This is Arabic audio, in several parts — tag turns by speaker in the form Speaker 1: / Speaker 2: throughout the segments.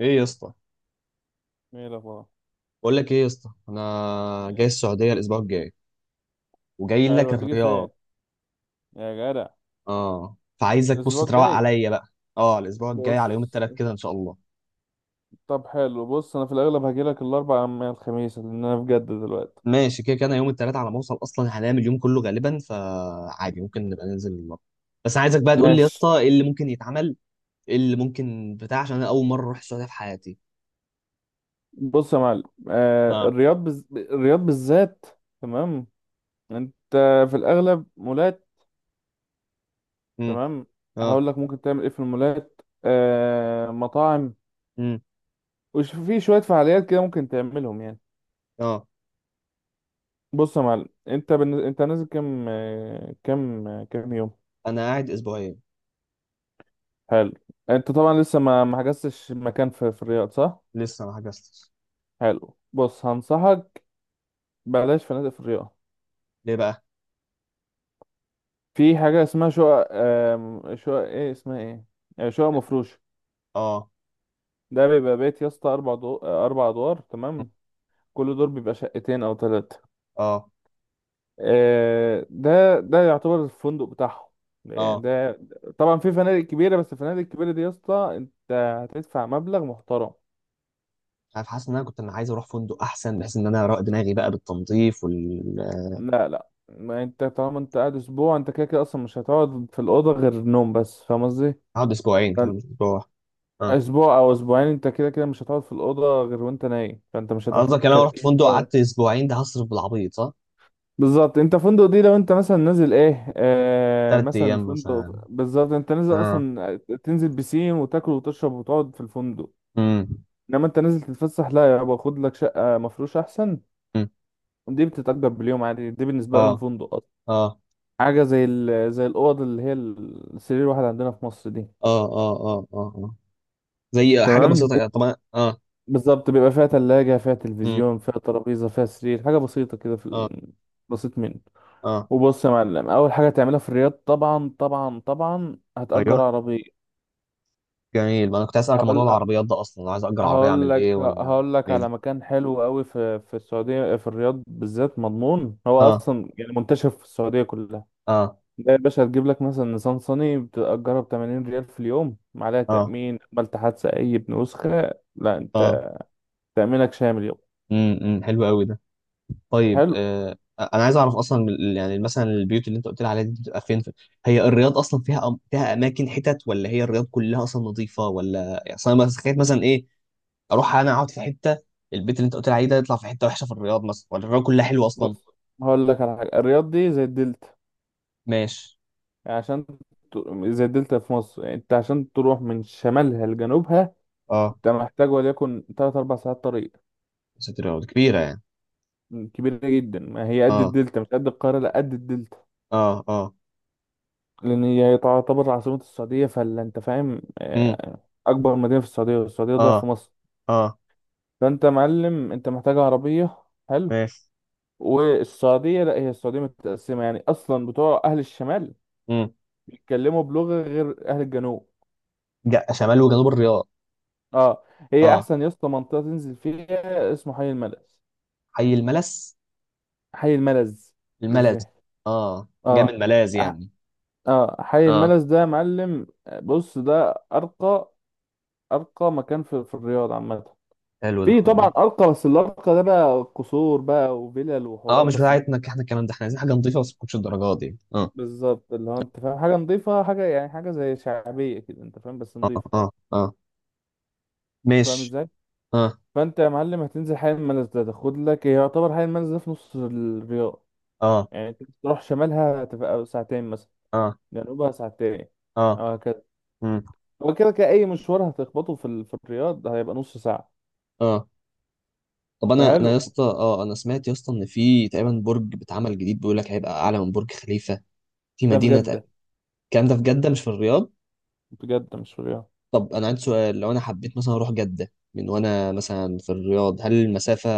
Speaker 1: ايه يا اسطى،
Speaker 2: ايه الاخبار.
Speaker 1: بقول لك ايه يا اسطى، انا جاي
Speaker 2: إيه؟
Speaker 1: السعوديه الاسبوع الجاي وجاي لك
Speaker 2: حلو، هتيجي
Speaker 1: الرياض.
Speaker 2: فين يا جدع؟
Speaker 1: اه فعايزك بص
Speaker 2: الاسبوع
Speaker 1: تروق
Speaker 2: الجاي؟
Speaker 1: عليا بقى. اه الاسبوع الجاي
Speaker 2: بص،
Speaker 1: على يوم الثلاث كده ان شاء الله.
Speaker 2: طب حلو. بص انا في الاغلب هجيلك الاربع من الخميس لان انا في جدة دلوقتي.
Speaker 1: ماشي كده كده انا يوم الثلاث على ما اوصل اصلا هنام اليوم كله غالبا فعادي ممكن نبقى ننزل النهارده. بس عايزك بقى تقول لي يا
Speaker 2: ماشي.
Speaker 1: اسطى ايه اللي ممكن يتعمل، ايه اللي ممكن بتاع عشان انا اول مره اروح السعوديه في حياتي.
Speaker 2: بص يا معلم،
Speaker 1: اه.
Speaker 2: الرياض بالذات. تمام. انت في الاغلب مولات.
Speaker 1: امم.
Speaker 2: تمام.
Speaker 1: اه.
Speaker 2: هقول لك ممكن تعمل ايه في المولات، مطاعم،
Speaker 1: امم.
Speaker 2: وش في شوية فعاليات كده ممكن تعملهم يعني.
Speaker 1: اه.
Speaker 2: بص يا معلم، انت نازل كام يوم؟
Speaker 1: انا قاعد اسبوعين.
Speaker 2: حلو. انت طبعا لسه ما حجزتش مكان في الرياض، صح؟
Speaker 1: لسه ما حجزتش.
Speaker 2: حلو، بص هنصحك، بلاش فنادق في الرياض.
Speaker 1: ليه بقى؟
Speaker 2: في حاجه اسمها شقق، آم، شقق ايه اسمها؟ ايه، شقق مفروشه.
Speaker 1: اه.
Speaker 2: ده بيبقى بيت يا اسطى اربع دو... آه، اربع ادوار، تمام. كل دور بيبقى شقتين او ثلاثه،
Speaker 1: اه.
Speaker 2: ده يعتبر الفندق بتاعهم يعني.
Speaker 1: اه.
Speaker 2: ده طبعا في فنادق كبيره، بس الفنادق الكبيره دي يا اسطى انت هتدفع مبلغ محترم.
Speaker 1: عارف، حاسس ان انا كنت انا عايز اروح فندق احسن بحيث ان انا ارق دماغي بقى بالتنظيف
Speaker 2: لا لا، ما انت طالما انت قاعد اسبوع، انت كده كده اصلا مش هتقعد في الاوضه غير نوم بس، فاهم قصدي؟
Speaker 1: اقعد اسبوعين كمان
Speaker 2: فان-
Speaker 1: مش اسبوع واحد. اه.
Speaker 2: اسبوع او اسبوعين انت كده كده مش هتقعد في الاوضه غير وانت نايم، فانت مش هتحتاج
Speaker 1: قصدك انا لو رحت
Speaker 2: كراكيب
Speaker 1: فندق
Speaker 2: بقى.
Speaker 1: قعدت اسبوعين ده هصرف بالعبيط صح؟
Speaker 2: بالظبط، انت فندق دي لو انت مثلا نازل ايه،
Speaker 1: تلات
Speaker 2: مثلا
Speaker 1: ايام مثلا.
Speaker 2: فندق، بالظبط انت نازل
Speaker 1: اه.
Speaker 2: اصلا تنزل بسين وتاكل وتشرب وتقعد في الفندق،
Speaker 1: امم.
Speaker 2: انما انت نازل تتفسح، لا يابا، خد لك شقه مفروش احسن.
Speaker 1: أمم.
Speaker 2: دي بتتأجر باليوم عادي، دي بالنسبه لهم
Speaker 1: اه
Speaker 2: فندق.
Speaker 1: اه
Speaker 2: حاجة زي الأوض اللي هي السرير الواحد عندنا في مصر دي.
Speaker 1: اه اه اه اه آه. زي حاجه
Speaker 2: تمام، دي
Speaker 1: بسيطه طبعا اه.
Speaker 2: بالظبط بيبقى فيها تلاجة، فيها
Speaker 1: امم.
Speaker 2: تلفزيون، فيها ترابيزة، فيها سرير، حاجة بسيطة كده
Speaker 1: اه.
Speaker 2: بسيط منه.
Speaker 1: اه.
Speaker 2: وبص يا معلم، أول حاجة تعملها في الرياض، طبعا طبعا طبعا هتأجر
Speaker 1: ايوه.
Speaker 2: عربية.
Speaker 1: جميل، ما انا كنت اسالك عن موضوع
Speaker 2: هقول
Speaker 1: العربيات ده اصلا، لو عايز اجر عربيه
Speaker 2: هقول
Speaker 1: اعمل ايه
Speaker 2: لك
Speaker 1: ولا
Speaker 2: هقول لك على
Speaker 1: إيه؟
Speaker 2: مكان حلو قوي في السعودية، في الرياض بالذات، مضمون. هو
Speaker 1: اه.
Speaker 2: أصلا يعني منتشر في السعودية كلها.
Speaker 1: اه.
Speaker 2: لا يا باشا، هتجيب لك مثلا نيسان صني بتأجرها ب 80 ريال في اليوم، معلها
Speaker 1: اه.
Speaker 2: تأمين. عملت حادثة أي بنسخة، لا،
Speaker 1: اه.
Speaker 2: أنت تأمينك شامل يوم.
Speaker 1: امم. أمم. حلو قوي ده. طيب
Speaker 2: حلو.
Speaker 1: انا عايز اعرف اصلا يعني مثلا البيوت اللي انت قلت لي عليها دي بتبقى فين هي الرياض اصلا فيها فيها اماكن حتت ولا هي الرياض كلها اصلا نظيفه ولا يعني، اصلا انا تخيل مثلا ايه، اروح انا اقعد في حته، البيت اللي انت قلت لي عليه ده يطلع في حته وحشه في الرياض مثلا ولا الرياض كلها حلوه اصلا؟
Speaker 2: بص هقول لك على حاجة، الرياض دي زي الدلتا،
Speaker 1: ماشي.
Speaker 2: يعني عشان زي الدلتا في مصر، يعني أنت عشان تروح من شمالها لجنوبها
Speaker 1: اه.
Speaker 2: أنت محتاج وليكن تلات أربع ساعات طريق.
Speaker 1: مسافه الرياض كبيره يعني.
Speaker 2: كبيرة جدا، ما هي قد
Speaker 1: اه.
Speaker 2: الدلتا، مش قد القاهرة، لا قد الدلتا.
Speaker 1: اه. اه.
Speaker 2: لأن هي تعتبر عاصمة السعودية، فلا أنت فاهم
Speaker 1: امم.
Speaker 2: آه، أكبر مدينة في السعودية، والسعودية ضعف
Speaker 1: اه.
Speaker 2: مصر،
Speaker 1: اه.
Speaker 2: فانت معلم انت محتاج عربيه. حلو.
Speaker 1: ماشي.
Speaker 2: والسعوديه، لا هي السعوديه متقسمه يعني اصلا، بتوع اهل الشمال
Speaker 1: امم.
Speaker 2: بيتكلموا بلغه غير اهل الجنوب.
Speaker 1: شمال وجنوب الرياض؟
Speaker 2: اه. هي
Speaker 1: اه.
Speaker 2: احسن يا اسطى منطقه تنزل فيها اسمه حي الملز،
Speaker 1: حي الملس.
Speaker 2: حي الملز
Speaker 1: الملز.
Speaker 2: بالذات.
Speaker 1: اه، جاي من
Speaker 2: اه.
Speaker 1: ملاذ
Speaker 2: أح-
Speaker 1: يعني.
Speaker 2: اه، حي
Speaker 1: اه.
Speaker 2: الملز ده يا معلم، بص ده ارقى، ارقى مكان في الرياض عامه.
Speaker 1: حلو ده.
Speaker 2: في طبعا ارقى، بس الارقى ده بقى قصور بقى وفلل
Speaker 1: اه
Speaker 2: وحورات،
Speaker 1: مش
Speaker 2: بس ده
Speaker 1: بتاعتنا احنا الكلام ده، احنا عايزين حاجه نظيفه بس ما تكونش الدرجات دي، اه.
Speaker 2: بالظبط اللي هو، انت فاهم، حاجه نظيفه، حاجه يعني حاجه زي شعبيه كده، انت فاهم، بس
Speaker 1: اه
Speaker 2: نظيفه،
Speaker 1: اه اه.
Speaker 2: فاهم
Speaker 1: ماشي.
Speaker 2: ازاي؟
Speaker 1: اه.
Speaker 2: فانت يا معلم هتنزل حي المنز ده، تاخد لك، يعتبر حي المنز ده في نص الرياض.
Speaker 1: اه.
Speaker 2: يعني انت تروح شمالها تبقى ساعتين مثلا،
Speaker 1: اه.
Speaker 2: جنوبها ساعتين،
Speaker 1: اه.
Speaker 2: او هكذا.
Speaker 1: مم.
Speaker 2: هو كده كده اي مشوار هتخبطه في الرياض هيبقى نص ساعه.
Speaker 1: اه. طب انا يا
Speaker 2: فحلو.
Speaker 1: اسطى، اه انا سمعت يا اسطى ان في تقريبا برج بيتعمل جديد بيقول لك هيبقى اعلى من برج خليفه في
Speaker 2: ده في جده،
Speaker 1: الكلام ده في جده مش في الرياض.
Speaker 2: في جده مش في الرياض.
Speaker 1: طب انا عندي سؤال، لو انا حبيت مثلا اروح جده من وانا مثلا في الرياض هل المسافه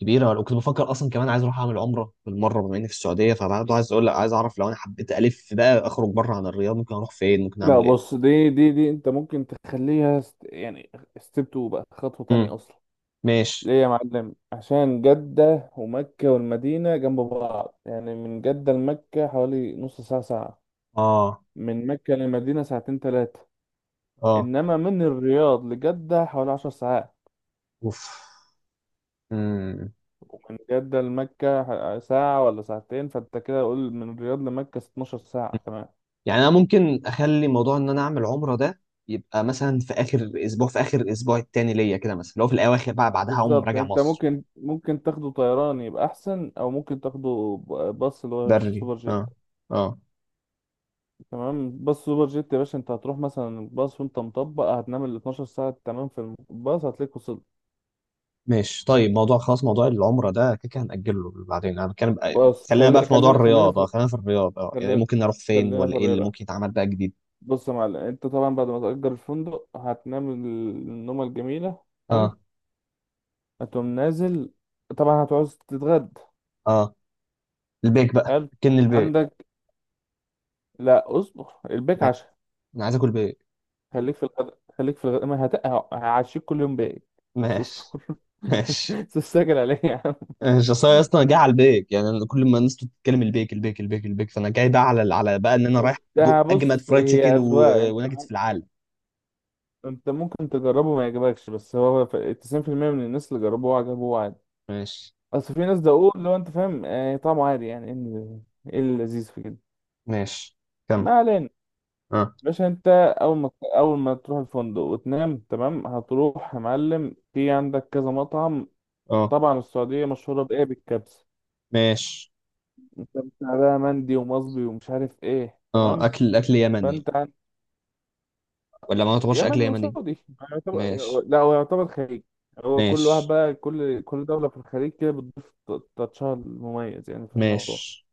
Speaker 1: كبيره، ولا كنت بفكر اصلا كمان عايز اروح اعمل عمره بالمره بما اني في السعوديه، فبرضه عايز اقول لك، عايز اعرف لو انا حبيت الف بقى اخرج بره عن الرياض ممكن اروح فين، ممكن
Speaker 2: لا
Speaker 1: اعمل
Speaker 2: بص،
Speaker 1: ايه؟
Speaker 2: دي انت ممكن يعني ستيب 2 بقى، خطوه
Speaker 1: امم.
Speaker 2: تانية اصلا.
Speaker 1: ماشي.
Speaker 2: ليه يا معلم؟ عشان جدة ومكة والمدينة جنب بعض، يعني من جدة لمكة حوالي نص ساعة ساعة،
Speaker 1: اه.
Speaker 2: من مكة للمدينة ساعتين تلاتة،
Speaker 1: اه.
Speaker 2: إنما من الرياض لجدة حوالي عشر ساعات،
Speaker 1: اوف. امم.
Speaker 2: ومن جدة لمكة ساعة ولا ساعتين، فأنت كده قول من الرياض لمكة 12 ساعة، تمام.
Speaker 1: يعني انا ممكن اخلي موضوع ان انا اعمل عمره ده يبقى مثلا في اخر اسبوع، في اخر الاسبوع التاني ليا كده مثلا، لو في الاواخر بقى بعدها اقوم
Speaker 2: بالظبط،
Speaker 1: راجع
Speaker 2: أنت
Speaker 1: مصر.
Speaker 2: ممكن تاخده طيران يبقى أحسن، أو باص اللي هو
Speaker 1: بري،
Speaker 2: السوبر جيت.
Speaker 1: اه. اه.
Speaker 2: تمام، باص سوبر جيت يا باشا، انت هتروح مثلا الباص وانت مطبق هتنام ال 12 ساعة، تمام، في الباص هتلاقيك وصلت.
Speaker 1: ماشي، طيب موضوع خلاص، موضوع العمرة ده كده كده هنأجله بعدين، انا بتكلم
Speaker 2: بص
Speaker 1: خلينا بقى في موضوع الرياضة، خلينا في الرياضة، اه يعني إيه
Speaker 2: خلينا
Speaker 1: ممكن نروح فين،
Speaker 2: خلينا
Speaker 1: ولا
Speaker 2: في
Speaker 1: ايه اللي
Speaker 2: الرياضة.
Speaker 1: ممكن يتعمل بقى جديد؟
Speaker 2: بص يا معلم، انت طبعا بعد ما تأجر الفندق هتنام النومة الجميلة.
Speaker 1: اه.
Speaker 2: حلو. هتقوم نازل، طبعا هتعوز تتغدى.
Speaker 1: اه. البيك بقى.
Speaker 2: حلو،
Speaker 1: كن البيك.
Speaker 2: عندك، لا اصبر، البيك
Speaker 1: ماشي.
Speaker 2: عشاء.
Speaker 1: انا عايز اكل بيك.
Speaker 2: خليك في الغداء، خليك في الغداء، ما هت... ه- هعشيك كل يوم بيك، بس
Speaker 1: ماشي.
Speaker 2: اصبر.
Speaker 1: ماشي.
Speaker 2: استعجل عليا يا عم.
Speaker 1: ماشي، اصل أنا اصلا جاي على البيك، يعني أنا كل ما الناس بتتكلم البيك البيك البيك البيك فانا جاي بقى على بقى ان انا رايح
Speaker 2: ده
Speaker 1: ادوق اجمد
Speaker 2: بص
Speaker 1: فرايد
Speaker 2: هي
Speaker 1: تشيكن
Speaker 2: أذواق، انت
Speaker 1: وناجتس في العالم.
Speaker 2: انت ممكن تجربه ما يعجبكش، بس هو 90% من الناس اللي جربوه عجبوه عادي.
Speaker 1: ماشي.
Speaker 2: اصل في ناس دقوق، لو انت فاهم، طعمه عادي، يعني ايه إيه اللذيذ في كده؟
Speaker 1: ماشي.
Speaker 2: ما
Speaker 1: كم.
Speaker 2: علينا.
Speaker 1: اه.
Speaker 2: باشا انت، اول ما اول ما تروح الفندق وتنام تمام، هتروح يا معلم في عندك كذا مطعم.
Speaker 1: اه.
Speaker 2: طبعا السعوديه مشهوره بايه؟ بالكبسه.
Speaker 1: ماشي.
Speaker 2: انت بتاع بقى مندي ومصبي ومش عارف ايه،
Speaker 1: اه.
Speaker 2: تمام.
Speaker 1: اكل اكل يمني
Speaker 2: فانت،
Speaker 1: ولا ما يعتبرش اكل
Speaker 2: يمني
Speaker 1: يمني؟
Speaker 2: وسعودي يعتبر.
Speaker 1: ماشي.
Speaker 2: لا هو يعتبر خليج، هو كل واحد
Speaker 1: ماشي.
Speaker 2: بقى، كل دولة في الخليج كده بتضيف تاتشها المميز يعني في الموضوع.
Speaker 1: ماشي.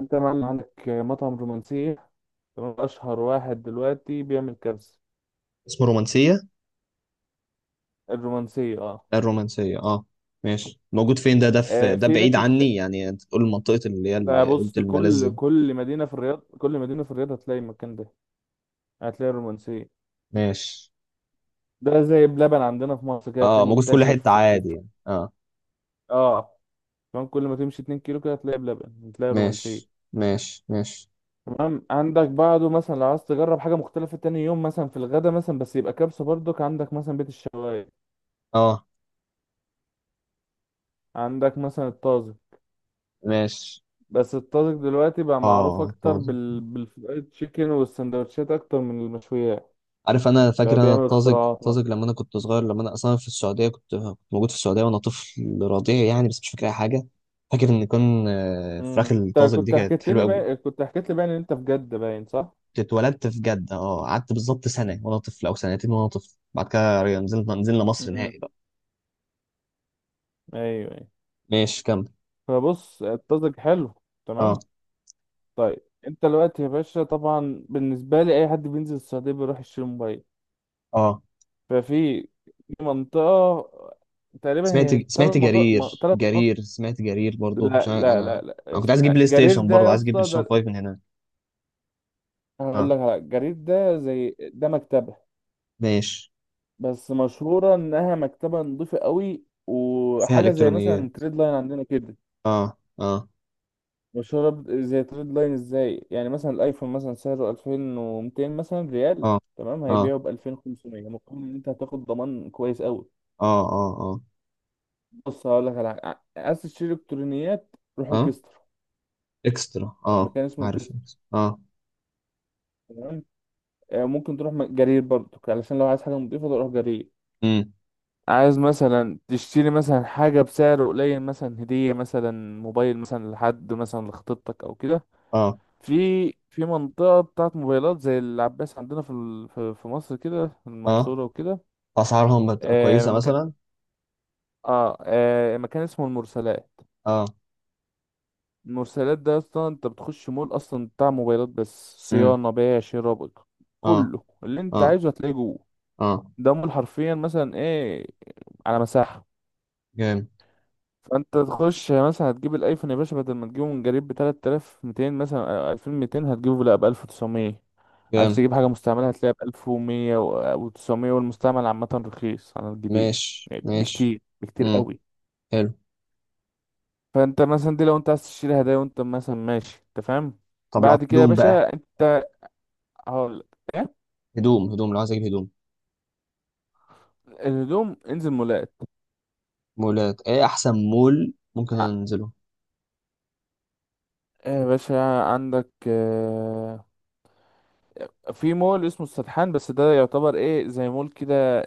Speaker 2: انت مثلا عندك مطعم رومانسية، تمام، أشهر واحد دلوقتي بيعمل كبسة
Speaker 1: اسمه رومانسية؟
Speaker 2: الرومانسية. اه.
Speaker 1: الرومانسية، اه. ماشي، موجود فين ده؟ ده في
Speaker 2: آه،
Speaker 1: ده
Speaker 2: في
Speaker 1: بعيد
Speaker 2: بيت الش
Speaker 1: عني يعني، انت تقول المنطقة اللي هي
Speaker 2: ده
Speaker 1: اللي قلت
Speaker 2: بص،
Speaker 1: الملاذ
Speaker 2: كل
Speaker 1: دي؟
Speaker 2: كل مدينة في الرياض كل مدينة في الرياض هتلاقي المكان ده، هتلاقي الرومانسية.
Speaker 1: ماشي.
Speaker 2: ده زي بلبن عندنا في مصر كده،
Speaker 1: اه
Speaker 2: هتلاقيه
Speaker 1: موجود في كل
Speaker 2: منتشر
Speaker 1: حتة
Speaker 2: في
Speaker 1: عادي
Speaker 2: في-
Speaker 1: يعني، اه.
Speaker 2: اه، كمان كل ما تمشي 2 كيلو كده هتلاقي بلبن، هتلاقي
Speaker 1: ماشي
Speaker 2: رومانسية.
Speaker 1: ماشي ماشي.
Speaker 2: تمام، عندك بعده مثلا لو عايز تجرب حاجة مختلفة تاني يوم مثلا في الغدا مثلا، بس يبقى كبسة برضك، عندك مثلا بيت الشوايه،
Speaker 1: اه.
Speaker 2: عندك مثلا الطازج.
Speaker 1: ماشي.
Speaker 2: بس الطازج دلوقتي بقى معروف
Speaker 1: اه
Speaker 2: أكتر
Speaker 1: طازج.
Speaker 2: بالفرايد تشيكن والسندوتشات أكتر من المشويات،
Speaker 1: عارف، انا فاكر
Speaker 2: بقى
Speaker 1: انا
Speaker 2: بيعمل
Speaker 1: الطازج،
Speaker 2: اختراعات
Speaker 1: الطازج
Speaker 2: مثلا.
Speaker 1: لما انا كنت صغير، لما انا اصلا في السعودية كنت موجود في السعودية وانا طفل رضيع يعني، بس مش فاكر اي حاجة. فاكر ان كان فراخ
Speaker 2: انت
Speaker 1: الطازج دي
Speaker 2: كنت
Speaker 1: كانت
Speaker 2: حكيت
Speaker 1: حلوة
Speaker 2: لي
Speaker 1: قوي.
Speaker 2: بقى كنت حكيت لي بقى ان انت في جدة باين، صح؟
Speaker 1: اتولدت في جدة اه، قعدت بالظبط سنة وانا طفل او سنتين وانا طفل، بعد كده نزلنا مصر
Speaker 2: امم.
Speaker 1: نهائي بقى.
Speaker 2: ايوه ايوه.
Speaker 1: ماشي كمل.
Speaker 2: فبص، الطازج حلو،
Speaker 1: اه.
Speaker 2: تمام. طيب، انت دلوقتي يا باشا، طبعا بالنسبة لي أي حد بينزل السعودية بيروح يشتري موبايل.
Speaker 1: اه.
Speaker 2: ففي منطقة، تقريبا
Speaker 1: سمعت
Speaker 2: هي
Speaker 1: سمعت
Speaker 2: ثلاث مناطق م-
Speaker 1: جرير
Speaker 2: ثلاث مناطق
Speaker 1: جرير سمعت جرير برضو،
Speaker 2: لا
Speaker 1: عشان
Speaker 2: لا
Speaker 1: انا
Speaker 2: لا لا،
Speaker 1: انا كنت عايز اجيب بلاي
Speaker 2: جرير
Speaker 1: ستيشن،
Speaker 2: ده
Speaker 1: برضو
Speaker 2: يا
Speaker 1: عايز اجيب بلاي
Speaker 2: اسطى،
Speaker 1: ستيشن
Speaker 2: ده
Speaker 1: 5 من هنا.
Speaker 2: هقول
Speaker 1: اه.
Speaker 2: لك على جرير، ده زي ده مكتبة،
Speaker 1: ماشي.
Speaker 2: بس مشهورة انها مكتبة نظيفة قوي،
Speaker 1: فيها
Speaker 2: وحاجة زي
Speaker 1: الكترونيات.
Speaker 2: مثلا تريد لاين عندنا كده،
Speaker 1: اه اه
Speaker 2: مشهورة زي تريد لاين، ازاي يعني؟ مثلا الايفون مثلا سعره 2200 مثلا ريال،
Speaker 1: اه
Speaker 2: تمام،
Speaker 1: اه
Speaker 2: هيبيعه ب 2500 مقابل ان انت هتاخد ضمان كويس قوي.
Speaker 1: اه اه اه.
Speaker 2: بص هقول لك على حاجة، عايز تشتري الكترونيات روح
Speaker 1: اه
Speaker 2: الكستر،
Speaker 1: اكسترا، اه
Speaker 2: مكان اسمه
Speaker 1: عارف
Speaker 2: كريستال،
Speaker 1: إكسترا. اه.
Speaker 2: تمام. ممكن تروح جرير برضو علشان لو عايز حاجة نضيفة تروح جرير.
Speaker 1: امم.
Speaker 2: عايز مثلا تشتري مثلا حاجة بسعر قليل، مثلا هدية مثلا، موبايل مثلا لحد مثلا لخطيبتك أو كده،
Speaker 1: اه.
Speaker 2: في في منطقة بتاعت موبايلات زي العباس عندنا في مصر كده، في
Speaker 1: اه.
Speaker 2: المنصورة وكده.
Speaker 1: اسعارهم
Speaker 2: آه
Speaker 1: كويسة
Speaker 2: مكان
Speaker 1: مثلا؟
Speaker 2: آه, آه مكان اسمه المرسلات.
Speaker 1: اه.
Speaker 2: المرسلات ده أصلا أنت بتخش مول أصلا بتاع موبايلات، بس
Speaker 1: امم.
Speaker 2: صيانة، بيع، شراء،
Speaker 1: اه.
Speaker 2: كله اللي أنت
Speaker 1: اه.
Speaker 2: عايزه هتلاقيه جوه.
Speaker 1: اه.
Speaker 2: ده مول حرفيا، مثلا ايه، على مساحة.
Speaker 1: جامد.
Speaker 2: فانت تخش مثلا هتجيب الايفون يا باشا بدل ما تجيبه من جريب ب 3200 مثلا أو 2200، هتجيبه لا ب 1900. عايز
Speaker 1: جامد.
Speaker 2: تجيب حاجة مستعملة هتلاقيها ب 1100 و900، والمستعمل عامة رخيص عن الجديد
Speaker 1: ماشي
Speaker 2: يعني،
Speaker 1: ماشي.
Speaker 2: بكتير بكتير
Speaker 1: امم.
Speaker 2: قوي.
Speaker 1: حلو.
Speaker 2: فانت مثلا دي لو انت عايز تشتري هدايا وانت مثلا ماشي، انت فاهم.
Speaker 1: طب لو
Speaker 2: بعد كده يا
Speaker 1: هدوم بقى،
Speaker 2: باشا انت، هقول، إيه؟
Speaker 1: هدوم، هدوم لو عايز اجيب هدوم.
Speaker 2: الهدوم انزل مولات.
Speaker 1: مولات ايه احسن مول ممكن
Speaker 2: ع-
Speaker 1: انزله؟
Speaker 2: يا باشا عندك، في مول اسمه السدحان، بس ده يعتبر ايه، زي مول كده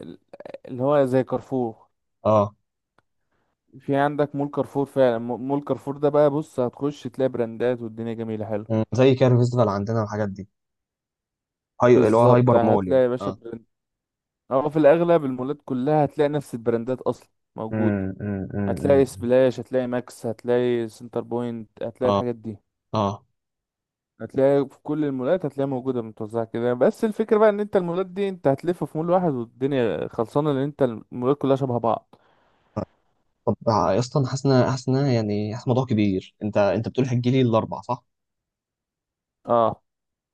Speaker 2: اللي هو زي كارفور.
Speaker 1: اه.
Speaker 2: في عندك مول كارفور فعلا، مول كارفور ده بقى، بص هتخش تلاقي براندات والدنيا جميلة، حلو.
Speaker 1: مم. زي كده فيستيفال عندنا والحاجات دي، هاي اللي هو
Speaker 2: بالظبط،
Speaker 1: هايبر مول يعني،
Speaker 2: هتلاقي يا باشا
Speaker 1: اه.
Speaker 2: براند، او في الاغلب المولات كلها هتلاقي نفس البراندات اصلا موجودة،
Speaker 1: امم.
Speaker 2: هتلاقي سبلاش، هتلاقي ماكس، هتلاقي سنتر بوينت، هتلاقي
Speaker 1: اه.
Speaker 2: الحاجات دي،
Speaker 1: اه.
Speaker 2: هتلاقي في كل المولات هتلاقي موجودة متوزعة كده. بس الفكرة بقى ان انت المولات دي انت هتلف في مول واحد والدنيا خلصانة، لان انت المولات كلها شبه بعض.
Speaker 1: طب يا اسطى، انا حاسس ان أنا يعني حاسس الموضوع كبير، انت بتقول هتجي لي الاربع صح؟
Speaker 2: اه،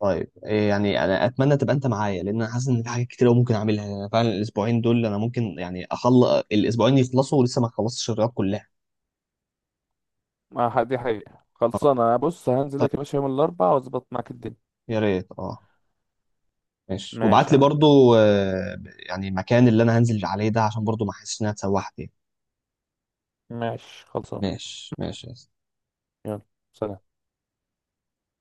Speaker 1: طيب إيه يعني، انا اتمنى تبقى انت معايا لان انا حاسس ان في حاجات كتير أوي ممكن اعملها، يعني فعلا الاسبوعين دول انا ممكن يعني اخلص الاسبوعين يخلصوا ولسه ما خلصتش الرياض كلها.
Speaker 2: ما دي حقيقة خلصانة انا. بص هنزل
Speaker 1: طيب.
Speaker 2: لك يا باشا يوم الاربعاء واظبط معاك الدنيا.
Speaker 1: يا ريت اه. ماشي، وابعت
Speaker 2: ماشي
Speaker 1: لي
Speaker 2: يا معلم.
Speaker 1: برضو يعني المكان اللي انا هنزل عليه ده عشان برضو ما احسش انها اتسوحت يعني.
Speaker 2: ماشي خلصانة.
Speaker 1: ماشي ماشي.
Speaker 2: يلا، سلام.